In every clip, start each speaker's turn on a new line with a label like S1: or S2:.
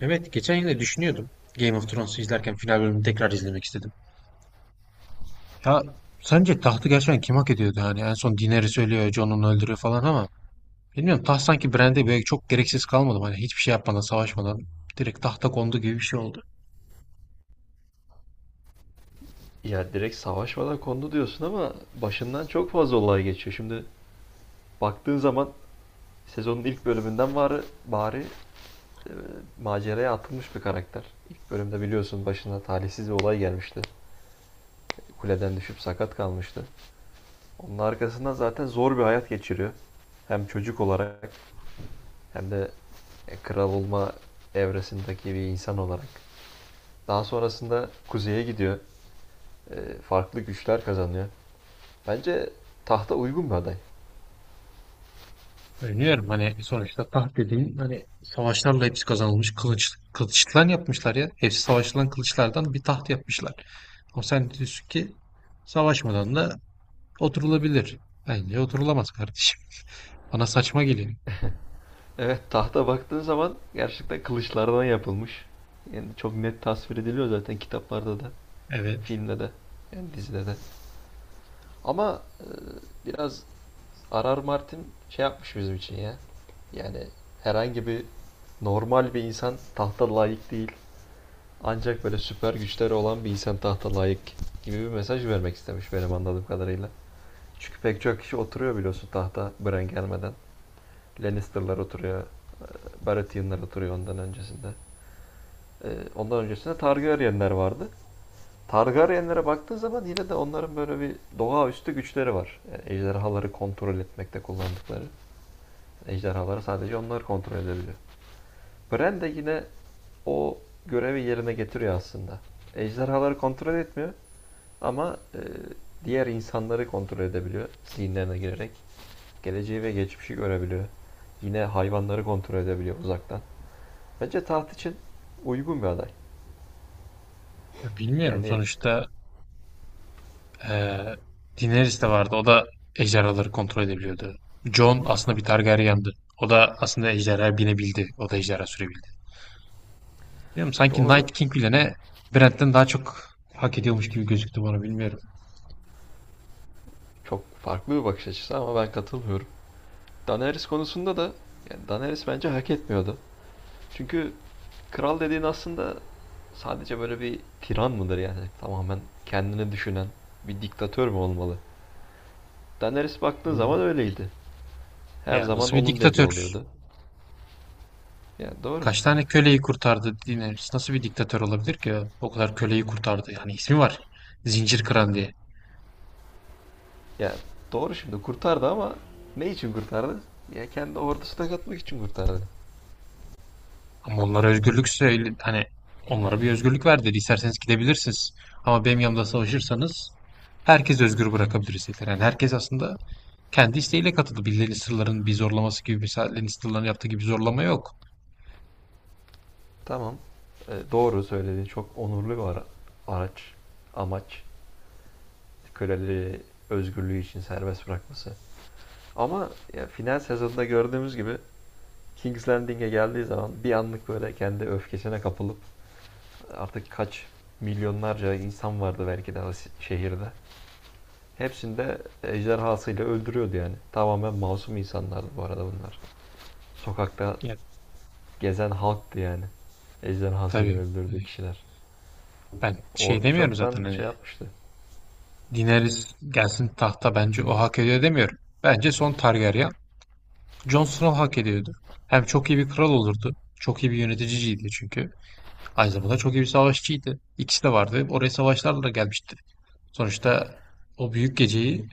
S1: Evet, geçen yine düşünüyordum. Game of Thrones'u izlerken final bölümünü tekrar izlemek istedim. Ya sence tahtı gerçekten kim hak ediyordu, hani en son Daenerys ölüyor, Jon onu öldürüyor falan, ama bilmiyorum, taht sanki Bran'de böyle çok gereksiz kalmadı mı? Hani hiçbir şey yapmadan, savaşmadan direkt tahta kondu gibi bir şey oldu.
S2: Ya direkt savaşmadan kondu diyorsun ama başından çok fazla olay geçiyor. Şimdi baktığın zaman sezonun ilk bölümünden e, maceraya atılmış bir karakter. İlk bölümde biliyorsun başına talihsiz bir olay gelmişti. Kuleden düşüp sakat kalmıştı. Onun arkasından zaten zor bir hayat geçiriyor. Hem çocuk olarak hem de kral olma evresindeki bir insan olarak. Daha sonrasında kuzeye gidiyor. E, farklı güçler kazanıyor. Bence tahta uygun bir aday.
S1: Öneriyorum, hani sonuçta taht dediğin, hani savaşlarla hepsi kazanılmış, kılıçtan yapmışlar ya. Hepsi savaşılan kılıçlardan bir taht yapmışlar. Ama sen diyorsun ki savaşmadan da oturulabilir. Bence oturulamaz kardeşim. Bana saçma geliyor.
S2: Evet, tahta baktığın zaman gerçekten kılıçlardan yapılmış. Yani çok net tasvir ediliyor zaten kitaplarda da,
S1: Evet.
S2: filmde de, yani dizide de. Ama biraz R.R. Martin şey yapmış bizim için ya. Yani herhangi bir normal bir insan tahta layık değil. Ancak böyle süper güçleri olan bir insan tahta layık gibi bir mesaj vermek istemiş benim anladığım kadarıyla. Çünkü pek çok kişi oturuyor biliyorsun tahta Bran gelmeden. Lannister'lar oturuyor, Baratheon'lar oturuyor ondan öncesinde. Ee, ondan öncesinde Targaryenler vardı. Targaryenlere baktığın zaman yine de onların böyle bir doğaüstü güçleri var. Yani ejderhaları kontrol etmekte kullandıkları. Ejderhaları sadece onlar kontrol edebiliyor. Bran de yine o görevi yerine getiriyor aslında. Ejderhaları kontrol etmiyor ama diğer insanları kontrol edebiliyor. Zihinlerine girerek geleceği ve geçmişi görebiliyor. Yine hayvanları kontrol edebiliyor uzaktan. Bence taht için uygun bir aday.
S1: Ya bilmiyorum
S2: Yani
S1: sonuçta, eee Daenerys de vardı. O da ejderhaları kontrol edebiliyordu. Jon aslında bir Targaryen'dı. O da aslında ejderha binebildi. O da ejderha sürebildi. Bilmiyorum, sanki Night
S2: doğru.
S1: King bile ne Brent'ten daha çok hak ediyormuş gibi gözüktü bana, bilmiyorum.
S2: Çok farklı bir bakış açısı ama ben katılmıyorum. Daenerys konusunda da yani Daenerys bence hak etmiyordu. Çünkü kral dediğin aslında sadece böyle bir tiran mıdır yani? Tamamen kendini düşünen bir diktatör mü olmalı? Daenerys baktığın
S1: Hı.
S2: zaman öyleydi. Her
S1: Ya
S2: zaman
S1: nasıl bir
S2: onun dediği
S1: diktatör?
S2: oluyordu. Yani doğru.
S1: Kaç tane köleyi kurtardı Daenerys? Nasıl bir diktatör olabilir ki? O kadar köleyi kurtardı. Yani ismi var, zincir kıran diye.
S2: Yani doğru, şimdi kurtardı ama ne için kurtardı? Ya kendi ordusuna katmak için kurtardı.
S1: Ama onlara özgürlükse hani onlara bir özgürlük ver dedi. İsterseniz gidebilirsiniz. Ama benim yanımda savaşırsanız herkes özgür bırakabiliriz dediler. Yani herkes aslında kendi isteğiyle katıldı. Birilerinin sırların bir zorlaması gibi, birilerinin sırlarını yaptığı gibi bir zorlama yok.
S2: Tamam. Doğru söylediğin çok onurlu bir araç, amaç. Köleleri özgürlüğü için serbest bırakması. Ama ya final sezonunda gördüğümüz gibi King's Landing'e geldiği zaman bir anlık böyle kendi öfkesine kapılıp artık kaç milyonlarca insan vardı belki de şehirde. Hepsini de ejderhasıyla öldürüyordu yani. Tamamen masum insanlardı bu arada bunlar. Sokakta
S1: Ya
S2: gezen halktı yani. Ejderhasıyla
S1: tabii, e,
S2: öldürdüğü kişiler.
S1: ben şey
S2: Ordu
S1: demiyorum
S2: çoktan
S1: zaten, hani
S2: şey yapmıştı.
S1: Daenerys gelsin tahta, bence o hak ediyor demiyorum. Bence son Targaryen Jon Snow hak ediyordu. Hem çok iyi bir kral olurdu. Çok iyi bir yöneticiydi çünkü. Aynı zamanda çok iyi bir savaşçıydı. İkisi de vardı. Oraya savaşlarla da gelmişti. Sonuçta o büyük geceyi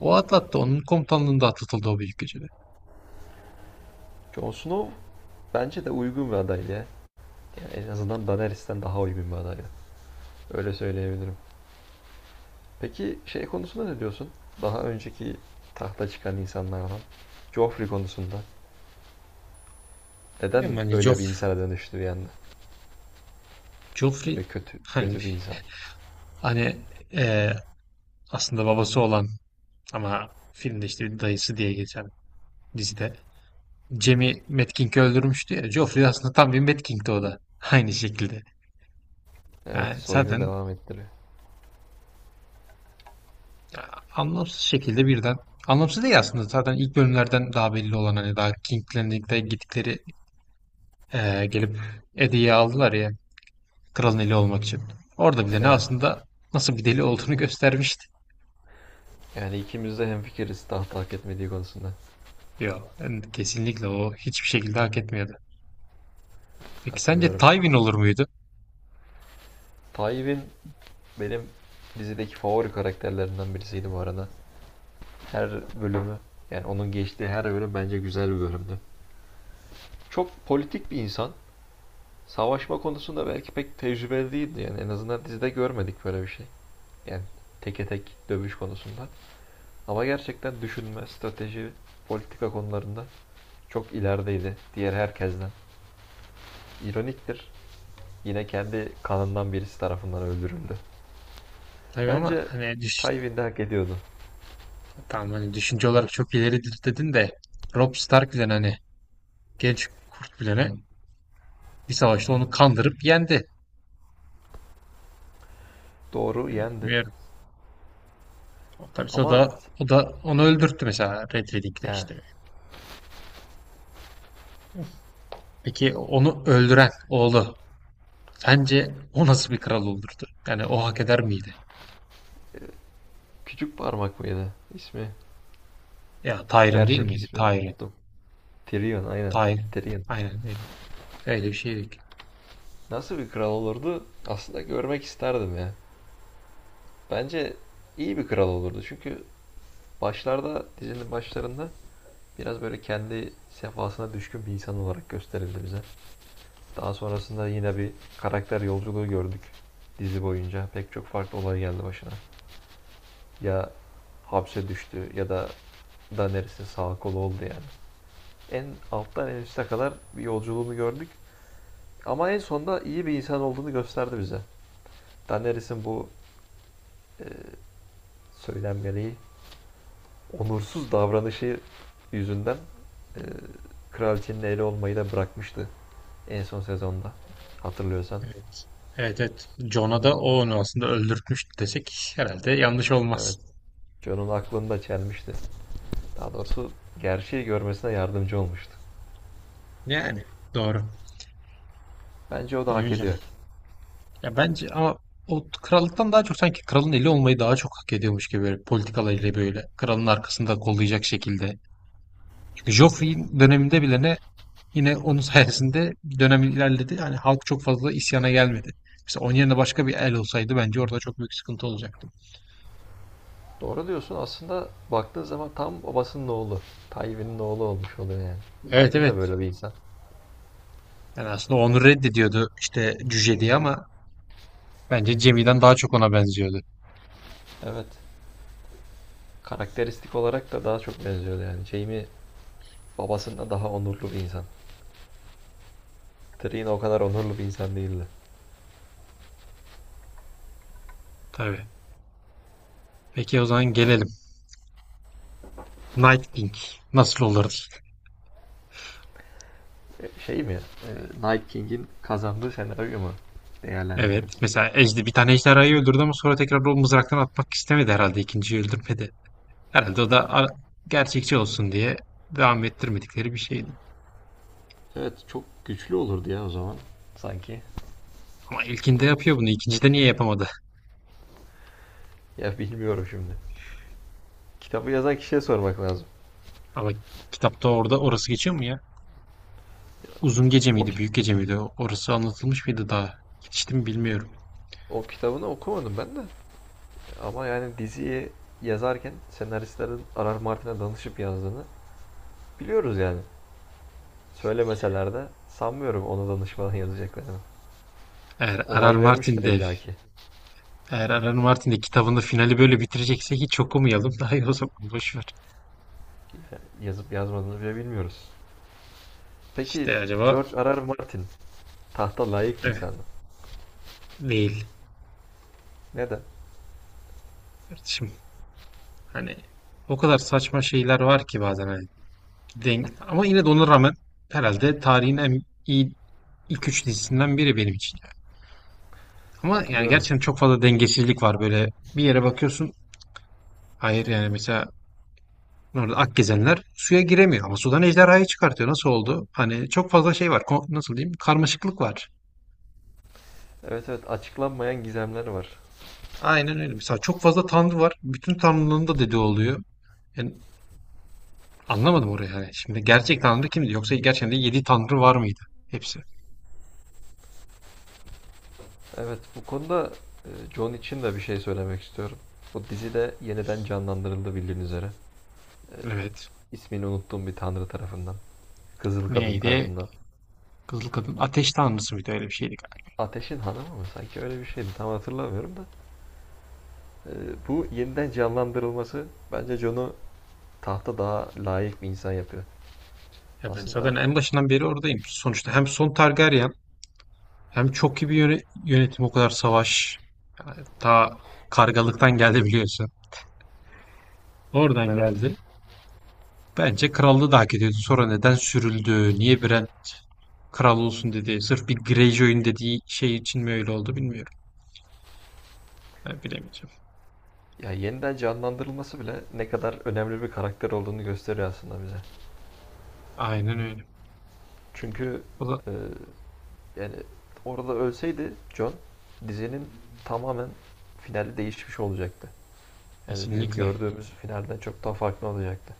S1: o atlattı. Onun komutanlığında atlatıldı o büyük gecede.
S2: Jon Snow bence de uygun bir aday ya. Yani en azından Daenerys'ten daha uygun bir aday. Öyle söyleyebilirim. Peki şey konusunda ne diyorsun? Daha önceki tahta çıkan insanlardan. Joffrey konusunda. Neden
S1: Bilmiyorum, hani
S2: öyle bir insana dönüştü bir anda? Böyle
S1: Joffrey
S2: kötü
S1: hani,
S2: bir insan.
S1: hani eee, aslında babası olan ama filmde işte bir dayısı diye geçen, dizide Jaime Metkink'i öldürmüştü ya. Joffrey aslında tam bir Metkink'ti o da. Aynı şekilde.
S2: Evet,
S1: Yani
S2: soyunu
S1: zaten
S2: devam ettiriyor.
S1: ya, anlamsız şekilde birden. Anlamsız değil aslında. Zaten ilk bölümlerden daha belli olan, hani daha King'lerine gittikleri, gelip Edi'yi aldılar ya, kralın eli olmak için. Orada bile ne
S2: Evet.
S1: aslında nasıl bir deli olduğunu göstermişti.
S2: Yani ikimiz de hemfikiriz tahta hak etmediği konusunda.
S1: Yok, kesinlikle o hiçbir şekilde hak etmiyordu. Peki sence
S2: Katılıyorum.
S1: Tywin olur muydu?
S2: Tywin benim dizideki favori karakterlerinden birisiydi bu arada. Her bölümü, yani onun geçtiği her bölüm bence güzel bir bölümdü. Çok politik bir insan. Savaşma konusunda belki pek tecrübeli değildi yani, en azından dizide görmedik böyle bir şey. Yani teke tek dövüş konusunda. Ama gerçekten düşünme, strateji, politika konularında çok ilerideydi diğer herkesten. İroniktir. Yine kendi kanından birisi tarafından öldürüldü.
S1: Tabii ama
S2: Bence
S1: hani
S2: Tywin de hak ediyordu.
S1: tamam, hani düşünce olarak çok ileri dedin de Robb Stark bile hani, Genç Kurt bilene, bir savaşta onu kandırıp yendi.
S2: Doğru, yendi.
S1: Ve tabii o da
S2: Ama
S1: o da onu öldürttü mesela, Red Wedding'de
S2: yani
S1: işte. Peki onu öldüren oğlu, sence o nasıl bir kral olurdu? Yani o hak eder miydi?
S2: küçük parmak mıydı ismi?
S1: Ya Tyrion değil
S2: Gerçek
S1: miydi?
S2: ismini
S1: Tyrion.
S2: unuttum. Tyrion aynen.
S1: Tyrion.
S2: Tyrion.
S1: Aynen öyle. Öyle bir şeydi ki.
S2: Nasıl bir kral olurdu? Aslında görmek isterdim ya. Bence iyi bir kral olurdu. Çünkü dizinin başlarında biraz böyle kendi sefasına düşkün bir insan olarak gösterildi bize. Daha sonrasında yine bir karakter yolculuğu gördük dizi boyunca. Pek çok farklı olay geldi başına. Ya hapse düştü ya da Daenerys'in sağ kolu oldu yani. En alttan en üste kadar bir yolculuğunu gördük. Ama en sonunda iyi bir insan olduğunu gösterdi bize. Daenerys'in bu e, söylenmeliği onursuz davranışı yüzünden e, kraliçenin eli olmayı da bırakmıştı en son sezonda. Hatırlıyorsan.
S1: Evet. Evet, evet. Jon'a da o onu aslında öldürtmüştü desek herhalde yanlış
S2: Evet.
S1: olmaz.
S2: John'un aklını da çelmişti. Daha doğrusu gerçeği görmesine yardımcı olmuştu.
S1: Yani doğru.
S2: Bence o da hak
S1: Bilemeyeceğim.
S2: ediyor.
S1: Ya bence ama o krallıktan daha çok sanki kralın eli olmayı daha çok hak ediyormuş gibi, böyle politikalarıyla, böyle kralın arkasında kollayacak şekilde. Çünkü Joffrey'in döneminde bile ne, yine onun sayesinde dönem ilerledi. Yani halk çok fazla isyana gelmedi. Mesela onun yerine başka bir el olsaydı bence orada çok büyük sıkıntı olacaktı.
S2: Doğru diyorsun, aslında baktığın zaman tam babasının oğlu. Tywin'in oğlu olmuş oluyor yani.
S1: Evet,
S2: Tywin de
S1: evet.
S2: böyle bir insan.
S1: Yani aslında onu reddediyordu işte cüce diye, ama bence Cemil'den daha çok ona benziyordu.
S2: Evet. Karakteristik olarak da daha çok benziyordu yani. Jaime babasından daha onurlu bir insan. Tyrion o kadar onurlu bir insan değildi.
S1: Tabii. Peki o zaman gelelim. Night King nasıl olurdu?
S2: Şey mi? E, Night King'in kazandığı senaryo mu?
S1: Evet.
S2: Değerlendiriyoruz.
S1: Mesela bir tane ejderhayı öldürdü ama sonra tekrar o mızraktan atmak istemedi herhalde. İkinciyi öldürmedi. Herhalde o da gerçekçi olsun diye devam ettirmedikleri bir şeydi.
S2: Evet, çok güçlü olurdu ya o zaman. Sanki.
S1: Ama ilkinde yapıyor bunu. İkincide niye yapamadı?
S2: Ya bilmiyorum şimdi. Kitabı yazan kişiye sormak lazım.
S1: Ama kitapta orada orası geçiyor mu ya? Uzun gece
S2: O,
S1: miydi,
S2: ki-
S1: büyük gece miydi? Orası anlatılmış mıydı daha? Geçti mi bilmiyorum.
S2: O kitabını okumadım ben de. Ama yani diziyi yazarken senaristlerin Arar Martin'e danışıp yazdığını biliyoruz yani. Söylemeseler de sanmıyorum ona danışmadan yazacaklarını.
S1: Eğer Arar
S2: Onay
S1: Martin
S2: vermiştir
S1: de
S2: illaki.
S1: eğer Arar Martin de kitabında finali böyle bitirecekse hiç okumayalım. Daha iyi, o zaman boş ver.
S2: Yazıp yazmadığını bile bilmiyoruz. Peki
S1: İşte acaba
S2: George Arar Martin tahta layık bir
S1: evet,
S2: insan mı?
S1: değil
S2: Neden?
S1: kardeşim. Hani o kadar saçma şeyler var ki bazen. Hani, ama yine de ona rağmen herhalde tarihin en iyi ilk üç dizisinden biri benim için. Ama yani
S2: Katılıyorum.
S1: gerçekten çok fazla dengesizlik var böyle. Bir yere bakıyorsun. Hayır yani mesela orada Akgezenler suya giremiyor ama sudan ejderhayı çıkartıyor. Nasıl oldu? Hani çok fazla şey var. Nasıl diyeyim? Karmaşıklık var.
S2: Evet evet, açıklanmayan gizemleri var.
S1: Aynen öyle. Mesela çok fazla tanrı var. Bütün tanrılığın da dediği oluyor. Yani anlamadım orayı yani. Şimdi gerçek tanrı kimdi? Yoksa gerçekten de yedi tanrı var mıydı? Hepsi.
S2: Evet, bu konuda John için de bir şey söylemek istiyorum. Bu dizi de yeniden canlandırıldı bildiğin üzere. E,
S1: Evet.
S2: ismini unuttuğum bir tanrı tarafından. Kızıl Kadın
S1: Neydi?
S2: tarafından.
S1: Kızıl kadın ateş tanrısı mıydı? Öyle bir şeydi galiba.
S2: Ateşin Hanımı mı? Sanki öyle bir şeydi. Tam hatırlamıyorum da. E, bu yeniden canlandırılması bence John'u tahta daha layık bir insan yapıyor.
S1: Ya ben zaten
S2: Aslında
S1: en başından beri oradayım. Sonuçta hem son Targaryen, hem çok iyi bir yönetim, o kadar savaş. Yani ta kargalıktan geldi biliyorsun. Oradan
S2: evet.
S1: geldi. Bence krallığı da hak ediyordu. Sonra neden sürüldü? Niye Bran kral olsun dedi? Sırf bir Greyjoy'un dediği şey için mi öyle oldu bilmiyorum. Ben bilemeyeceğim.
S2: Ya yeniden canlandırılması bile ne kadar önemli bir karakter olduğunu gösteriyor aslında bize.
S1: Aynen öyle.
S2: Çünkü
S1: O da
S2: e, Yani orada ölseydi John dizinin tamamen finali değişmiş olacaktı. Yani bizim
S1: kesinlikle.
S2: gördüğümüz finalden çok daha farklı olacaktı.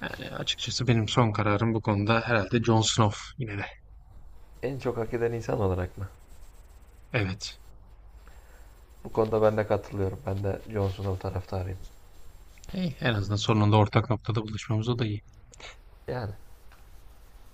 S1: Yani açıkçası benim son kararım bu konuda herhalde Jon Snow yine de.
S2: En çok hak eden insan olarak mı?
S1: Evet.
S2: Bu konuda ben de katılıyorum. Ben de John Snow taraftarıyım.
S1: Eh, en azından sonunda ortak noktada buluşmamız, o da iyi.
S2: Yani